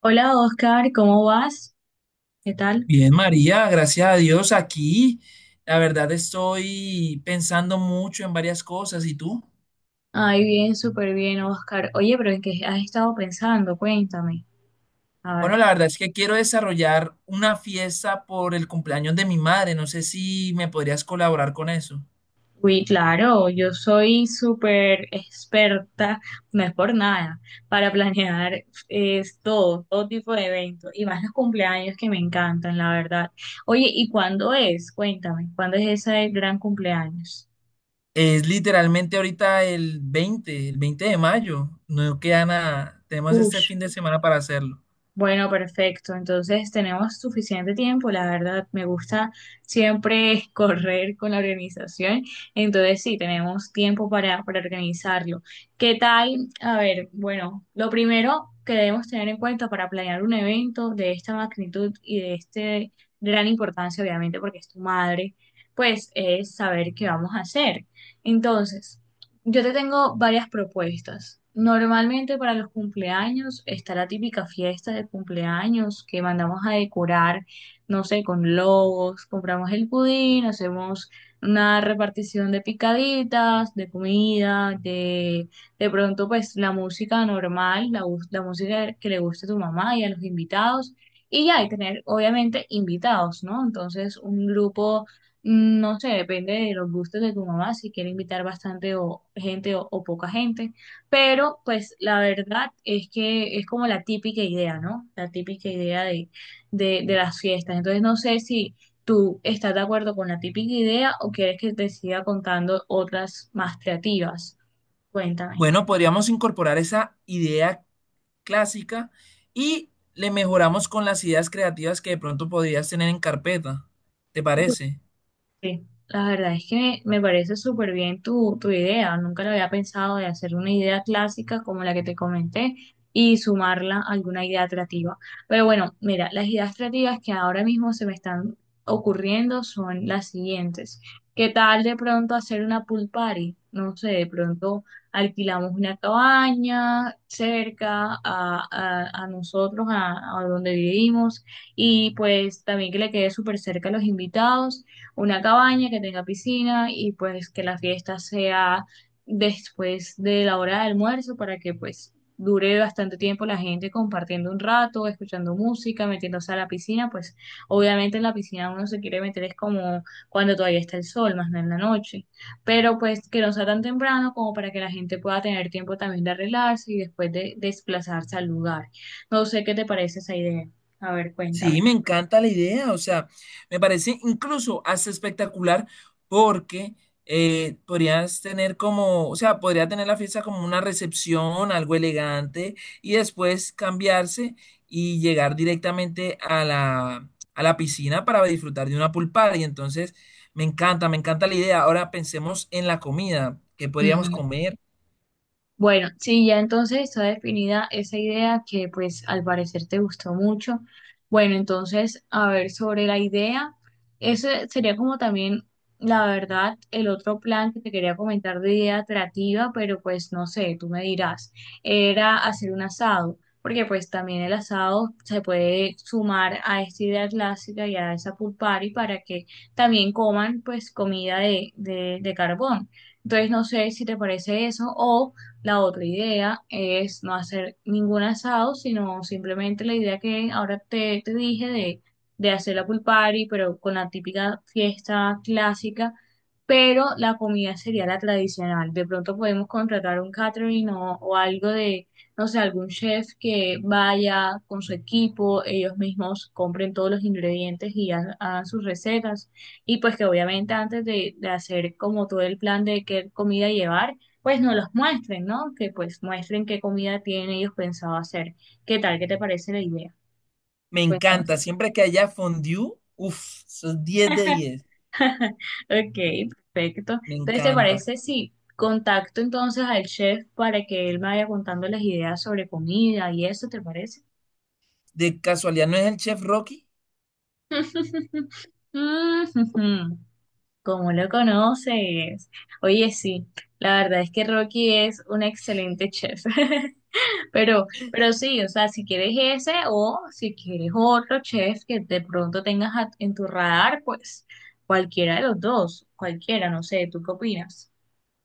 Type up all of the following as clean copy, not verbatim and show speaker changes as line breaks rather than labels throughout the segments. Hola Oscar, ¿cómo vas? ¿Qué tal?
Bien, María, gracias a Dios aquí. La verdad estoy pensando mucho en varias cosas. ¿Y tú?
Ay, bien, súper bien, Oscar. Oye, pero ¿en qué has estado pensando? Cuéntame. A
Bueno,
ver.
la verdad es que quiero desarrollar una fiesta por el cumpleaños de mi madre. No sé si me podrías colaborar con eso.
Uy, claro, yo soy súper experta, no es por nada, para planear es todo, todo tipo de eventos, y más los cumpleaños que me encantan, la verdad. Oye, ¿y cuándo es? Cuéntame, ¿cuándo es ese gran cumpleaños?
Es literalmente ahorita el 20, el 20 de mayo. No queda nada. Tenemos
Uy.
este fin de semana para hacerlo.
Bueno, perfecto. Entonces tenemos suficiente tiempo, la verdad. Me gusta siempre correr con la organización. Entonces sí, tenemos tiempo para organizarlo. ¿Qué tal? A ver, bueno, lo primero que debemos tener en cuenta para planear un evento de esta magnitud y de este gran importancia, obviamente, porque es tu madre, pues es saber qué vamos a hacer. Entonces. Yo te tengo varias propuestas. Normalmente para los cumpleaños está la típica fiesta de cumpleaños que mandamos a decorar, no sé, con logos, compramos el pudín, hacemos una repartición de picaditas, de comida, de pronto pues la música normal, la música que le guste a tu mamá y a los invitados. Y ya, y tener obviamente invitados, ¿no? Entonces un grupo, no sé, depende de los gustos de tu mamá, si quiere invitar bastante o gente o poca gente, pero pues la verdad es que es como la típica idea, ¿no? La típica idea de las fiestas. Entonces no sé si tú estás de acuerdo con la típica idea o quieres que te siga contando otras más creativas. Cuéntame.
Bueno, podríamos incorporar esa idea clásica y le mejoramos con las ideas creativas que de pronto podrías tener en carpeta. ¿Te parece?
Sí, la verdad es que me parece súper bien tu idea. Nunca lo había pensado de hacer una idea clásica como la que te comenté y sumarla a alguna idea creativa. Pero bueno, mira, las ideas creativas que ahora mismo se me están ocurriendo son las siguientes. ¿Qué tal de pronto hacer una pool party? No sé, de pronto alquilamos una cabaña cerca a nosotros, a donde vivimos, y pues también que le quede súper cerca a los invitados una cabaña que tenga piscina y pues que la fiesta sea después de la hora de almuerzo para que pues dure bastante tiempo la gente compartiendo un rato, escuchando música, metiéndose a la piscina, pues obviamente en la piscina uno se quiere meter es como cuando todavía está el sol, más no en la noche, pero pues que no sea tan temprano como para que la gente pueda tener tiempo también de arreglarse y después de desplazarse al lugar. No sé qué te parece esa idea. A ver, cuéntame.
Sí, me encanta la idea, o sea, me parece incluso hasta espectacular porque podrías tener como, o sea, podría tener la fiesta como una recepción, algo elegante, y después cambiarse y llegar directamente a la piscina para disfrutar de una pool party. Entonces, me encanta la idea. Ahora pensemos en la comida, ¿qué podríamos
Ujú.
comer?
Bueno, sí, ya entonces está definida esa idea que pues al parecer te gustó mucho. Bueno, entonces, a ver, sobre la idea, ese sería como también, la verdad, el otro plan que te quería comentar de idea atractiva, pero pues no sé, tú me dirás, era hacer un asado, porque pues también el asado se puede sumar a esta idea clásica y a esa pool party para que también coman pues comida de carbón. Entonces, no sé si te parece eso, o. La otra idea es no hacer ningún asado, sino simplemente la idea que ahora te dije de hacer la pool party, pero con la típica fiesta clásica, pero la comida sería la tradicional. De pronto podemos contratar un catering o algo de, no sé, algún chef que vaya con su equipo, ellos mismos compren todos los ingredientes y hagan sus recetas. Y pues que obviamente antes de hacer como todo el plan de qué comida llevar, pues no los muestren, ¿no? Que pues muestren qué comida tienen ellos pensado hacer. ¿Qué tal? ¿Qué te parece la idea?
Me
Cuéntame.
encanta, siempre que haya fondue, uff, eso 10 de 10.
Ok, perfecto.
Me
Entonces, ¿te
encanta.
parece si contacto entonces al chef para que él me vaya contando las ideas sobre comida y eso? ¿Te parece?
¿De casualidad no es el chef Rocky?
Mm. ¿Cómo lo conoces? Oye, sí, la verdad es que Rocky es un excelente chef. Pero sí, o sea, si quieres ese o si quieres otro chef que de pronto tengas en tu radar, pues cualquiera de los dos, cualquiera, no sé, ¿tú qué opinas?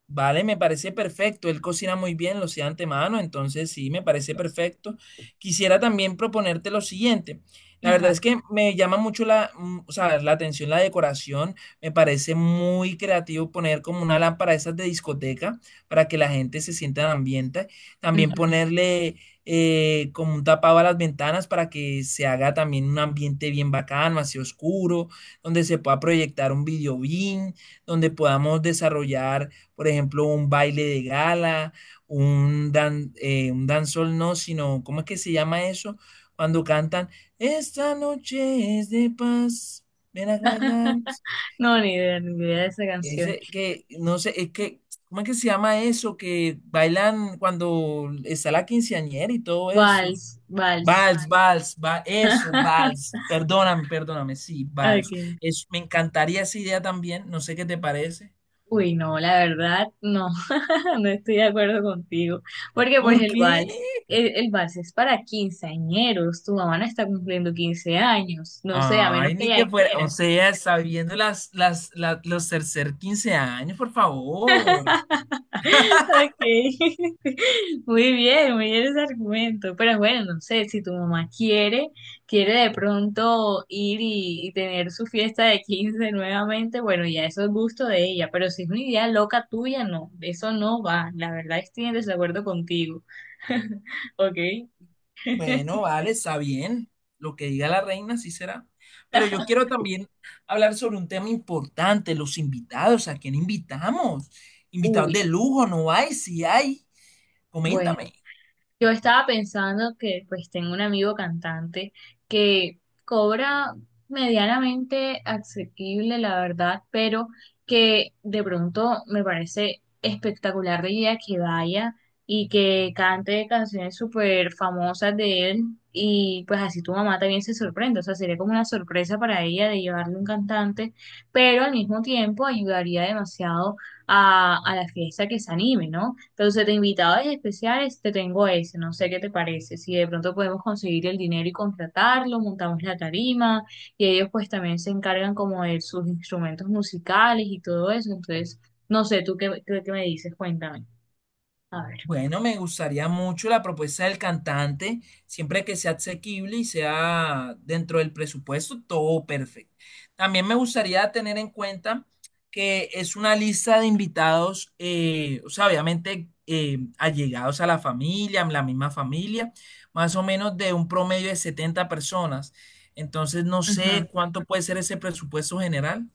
Vale, me parece perfecto. Él cocina muy bien, lo hacía de antemano, entonces sí, me parece perfecto. Quisiera también proponerte lo siguiente. La verdad
Ajá.
es que me llama mucho o sea, la atención la decoración. Me parece muy creativo poner como una lámpara de esas de discoteca para que la gente se sienta en ambiente. También
Ujú.
ponerle como un tapado a las ventanas para que se haga también un ambiente bien bacano, así oscuro, donde se pueda proyectar un video bien, donde podamos desarrollar por ejemplo, un baile de gala, un dancehall no, sino, ¿cómo es que se llama eso? Cuando cantan, esta noche es de paz, ven a bailar.
No, ni idea, ni idea de esa canción.
Ese que, no sé, es que, ¿cómo es que se llama eso? Que bailan cuando está la quinceañera y todo eso.
Vals, vals.
Vals, vals, eso, vals. Perdóname, perdóname, sí, vals.
Okay.
Es, me encantaría esa idea también, no sé qué te parece.
Uy, no, la verdad, no, no estoy de acuerdo contigo, porque pues
¿Por
el
qué?
vals, el vals es para quinceañeros, tu mamá no está cumpliendo 15 años, no sé, a menos
Ay,
que
ni
ella
que fuera, o
quiera.
sea, sabiendo los tercer 15 años, por favor.
Ok, muy bien ese argumento. Pero bueno, no sé, si tu mamá quiere, quiere de pronto ir y tener su fiesta de 15 nuevamente, bueno, ya eso es gusto de ella, pero si es una idea loca tuya, no, eso no va. La verdad estoy en desacuerdo contigo. Ok.
Bueno, vale, está bien. Lo que diga la reina, sí será. Pero yo quiero también hablar sobre un tema importante, los invitados, ¿a quién invitamos? Invitados
Uy,
de lujo, ¿no hay? Si hay,
bueno.
coméntame.
Yo estaba pensando que pues tengo un amigo cantante que cobra medianamente asequible, la verdad, pero que de pronto me parece espectacular de idea que vaya y que cante canciones súper famosas de él y pues así tu mamá también se sorprende, o sea, sería como una sorpresa para ella de llevarle un cantante, pero al mismo tiempo ayudaría demasiado a la fiesta que se anime, ¿no? Entonces, de invitados especiales te tengo ese, no sé qué te parece. Si de pronto podemos conseguir el dinero y contratarlo, montamos la tarima y ellos pues también se encargan como de sus instrumentos musicales y todo eso. Entonces, no sé, tú qué, qué me dices, cuéntame. A ver.
Bueno, me gustaría mucho la propuesta del cantante, siempre que sea asequible y sea dentro del presupuesto, todo perfecto. También me gustaría tener en cuenta que es una lista de invitados, o sea, obviamente allegados a la familia, la misma familia, más o menos de un promedio de 70 personas. Entonces, no
Ujú.
sé cuánto puede ser ese presupuesto general.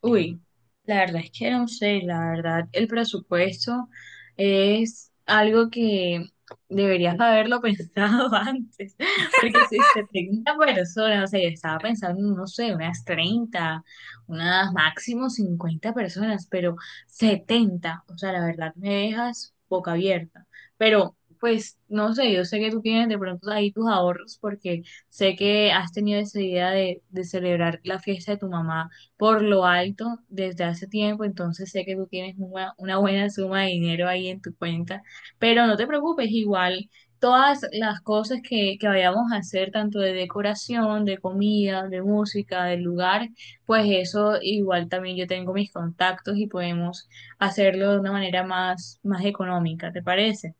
Uy, la verdad es que no sé, la verdad, el presupuesto es algo que deberías haberlo pensado antes, porque si se 30 personas, o sea, yo estaba pensando, no sé, unas 30, unas máximo 50 personas, pero 70, o sea, la verdad me dejas boca abierta, pero pues no sé, yo sé que tú tienes de pronto ahí tus ahorros porque sé que has tenido esa idea de celebrar la fiesta de tu mamá por lo alto desde hace tiempo, entonces sé que tú tienes una buena suma de dinero ahí en tu cuenta, pero no te preocupes, igual todas las cosas que vayamos a hacer, tanto de decoración, de comida, de música, del lugar, pues eso igual también yo tengo mis contactos y podemos hacerlo de una manera más económica, ¿te parece?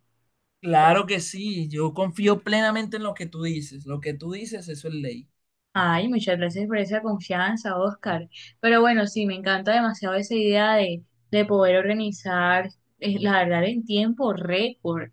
Claro que sí, yo confío plenamente en lo que tú dices. Lo que tú dices, eso es ley.
Ay, muchas gracias por esa confianza, Oscar. Pero bueno, sí, me encanta demasiado esa idea de poder organizar, la verdad, en tiempo récord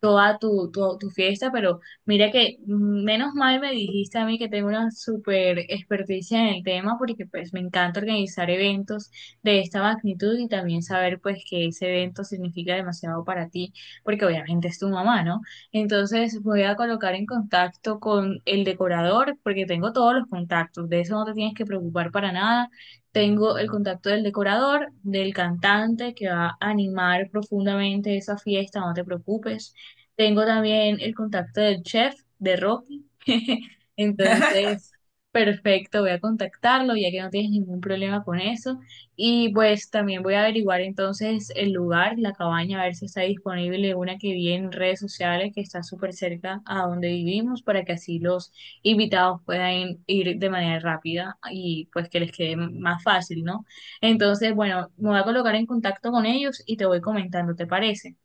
toda tu fiesta, pero mira que menos mal me dijiste a mí que tengo una súper experticia en el tema porque pues me encanta organizar eventos de esta magnitud y también saber pues que ese evento significa demasiado para ti porque obviamente es tu mamá, ¿no? Entonces voy a colocar en contacto con el decorador porque tengo todos los contactos, de eso no te tienes que preocupar para nada. Tengo el contacto del decorador, del cantante que va a animar profundamente esa fiesta, no te preocupes. Tengo también el contacto del chef de Rocky. Entonces, perfecto, voy a contactarlo ya que no tienes ningún problema con eso. Y pues también voy a averiguar entonces el lugar, la cabaña, a ver si está disponible una que vi en redes sociales que está súper cerca a donde vivimos para que así los invitados puedan ir de manera rápida y pues que les quede más fácil, ¿no? Entonces, bueno, me voy a colocar en contacto con ellos y te voy comentando, ¿te parece?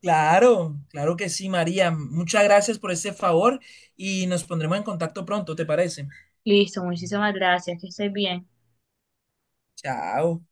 Claro, claro que sí, María. Muchas gracias por este favor y nos pondremos en contacto pronto, ¿te parece?
Listo, muchísimas gracias, que estés bien.
Chao.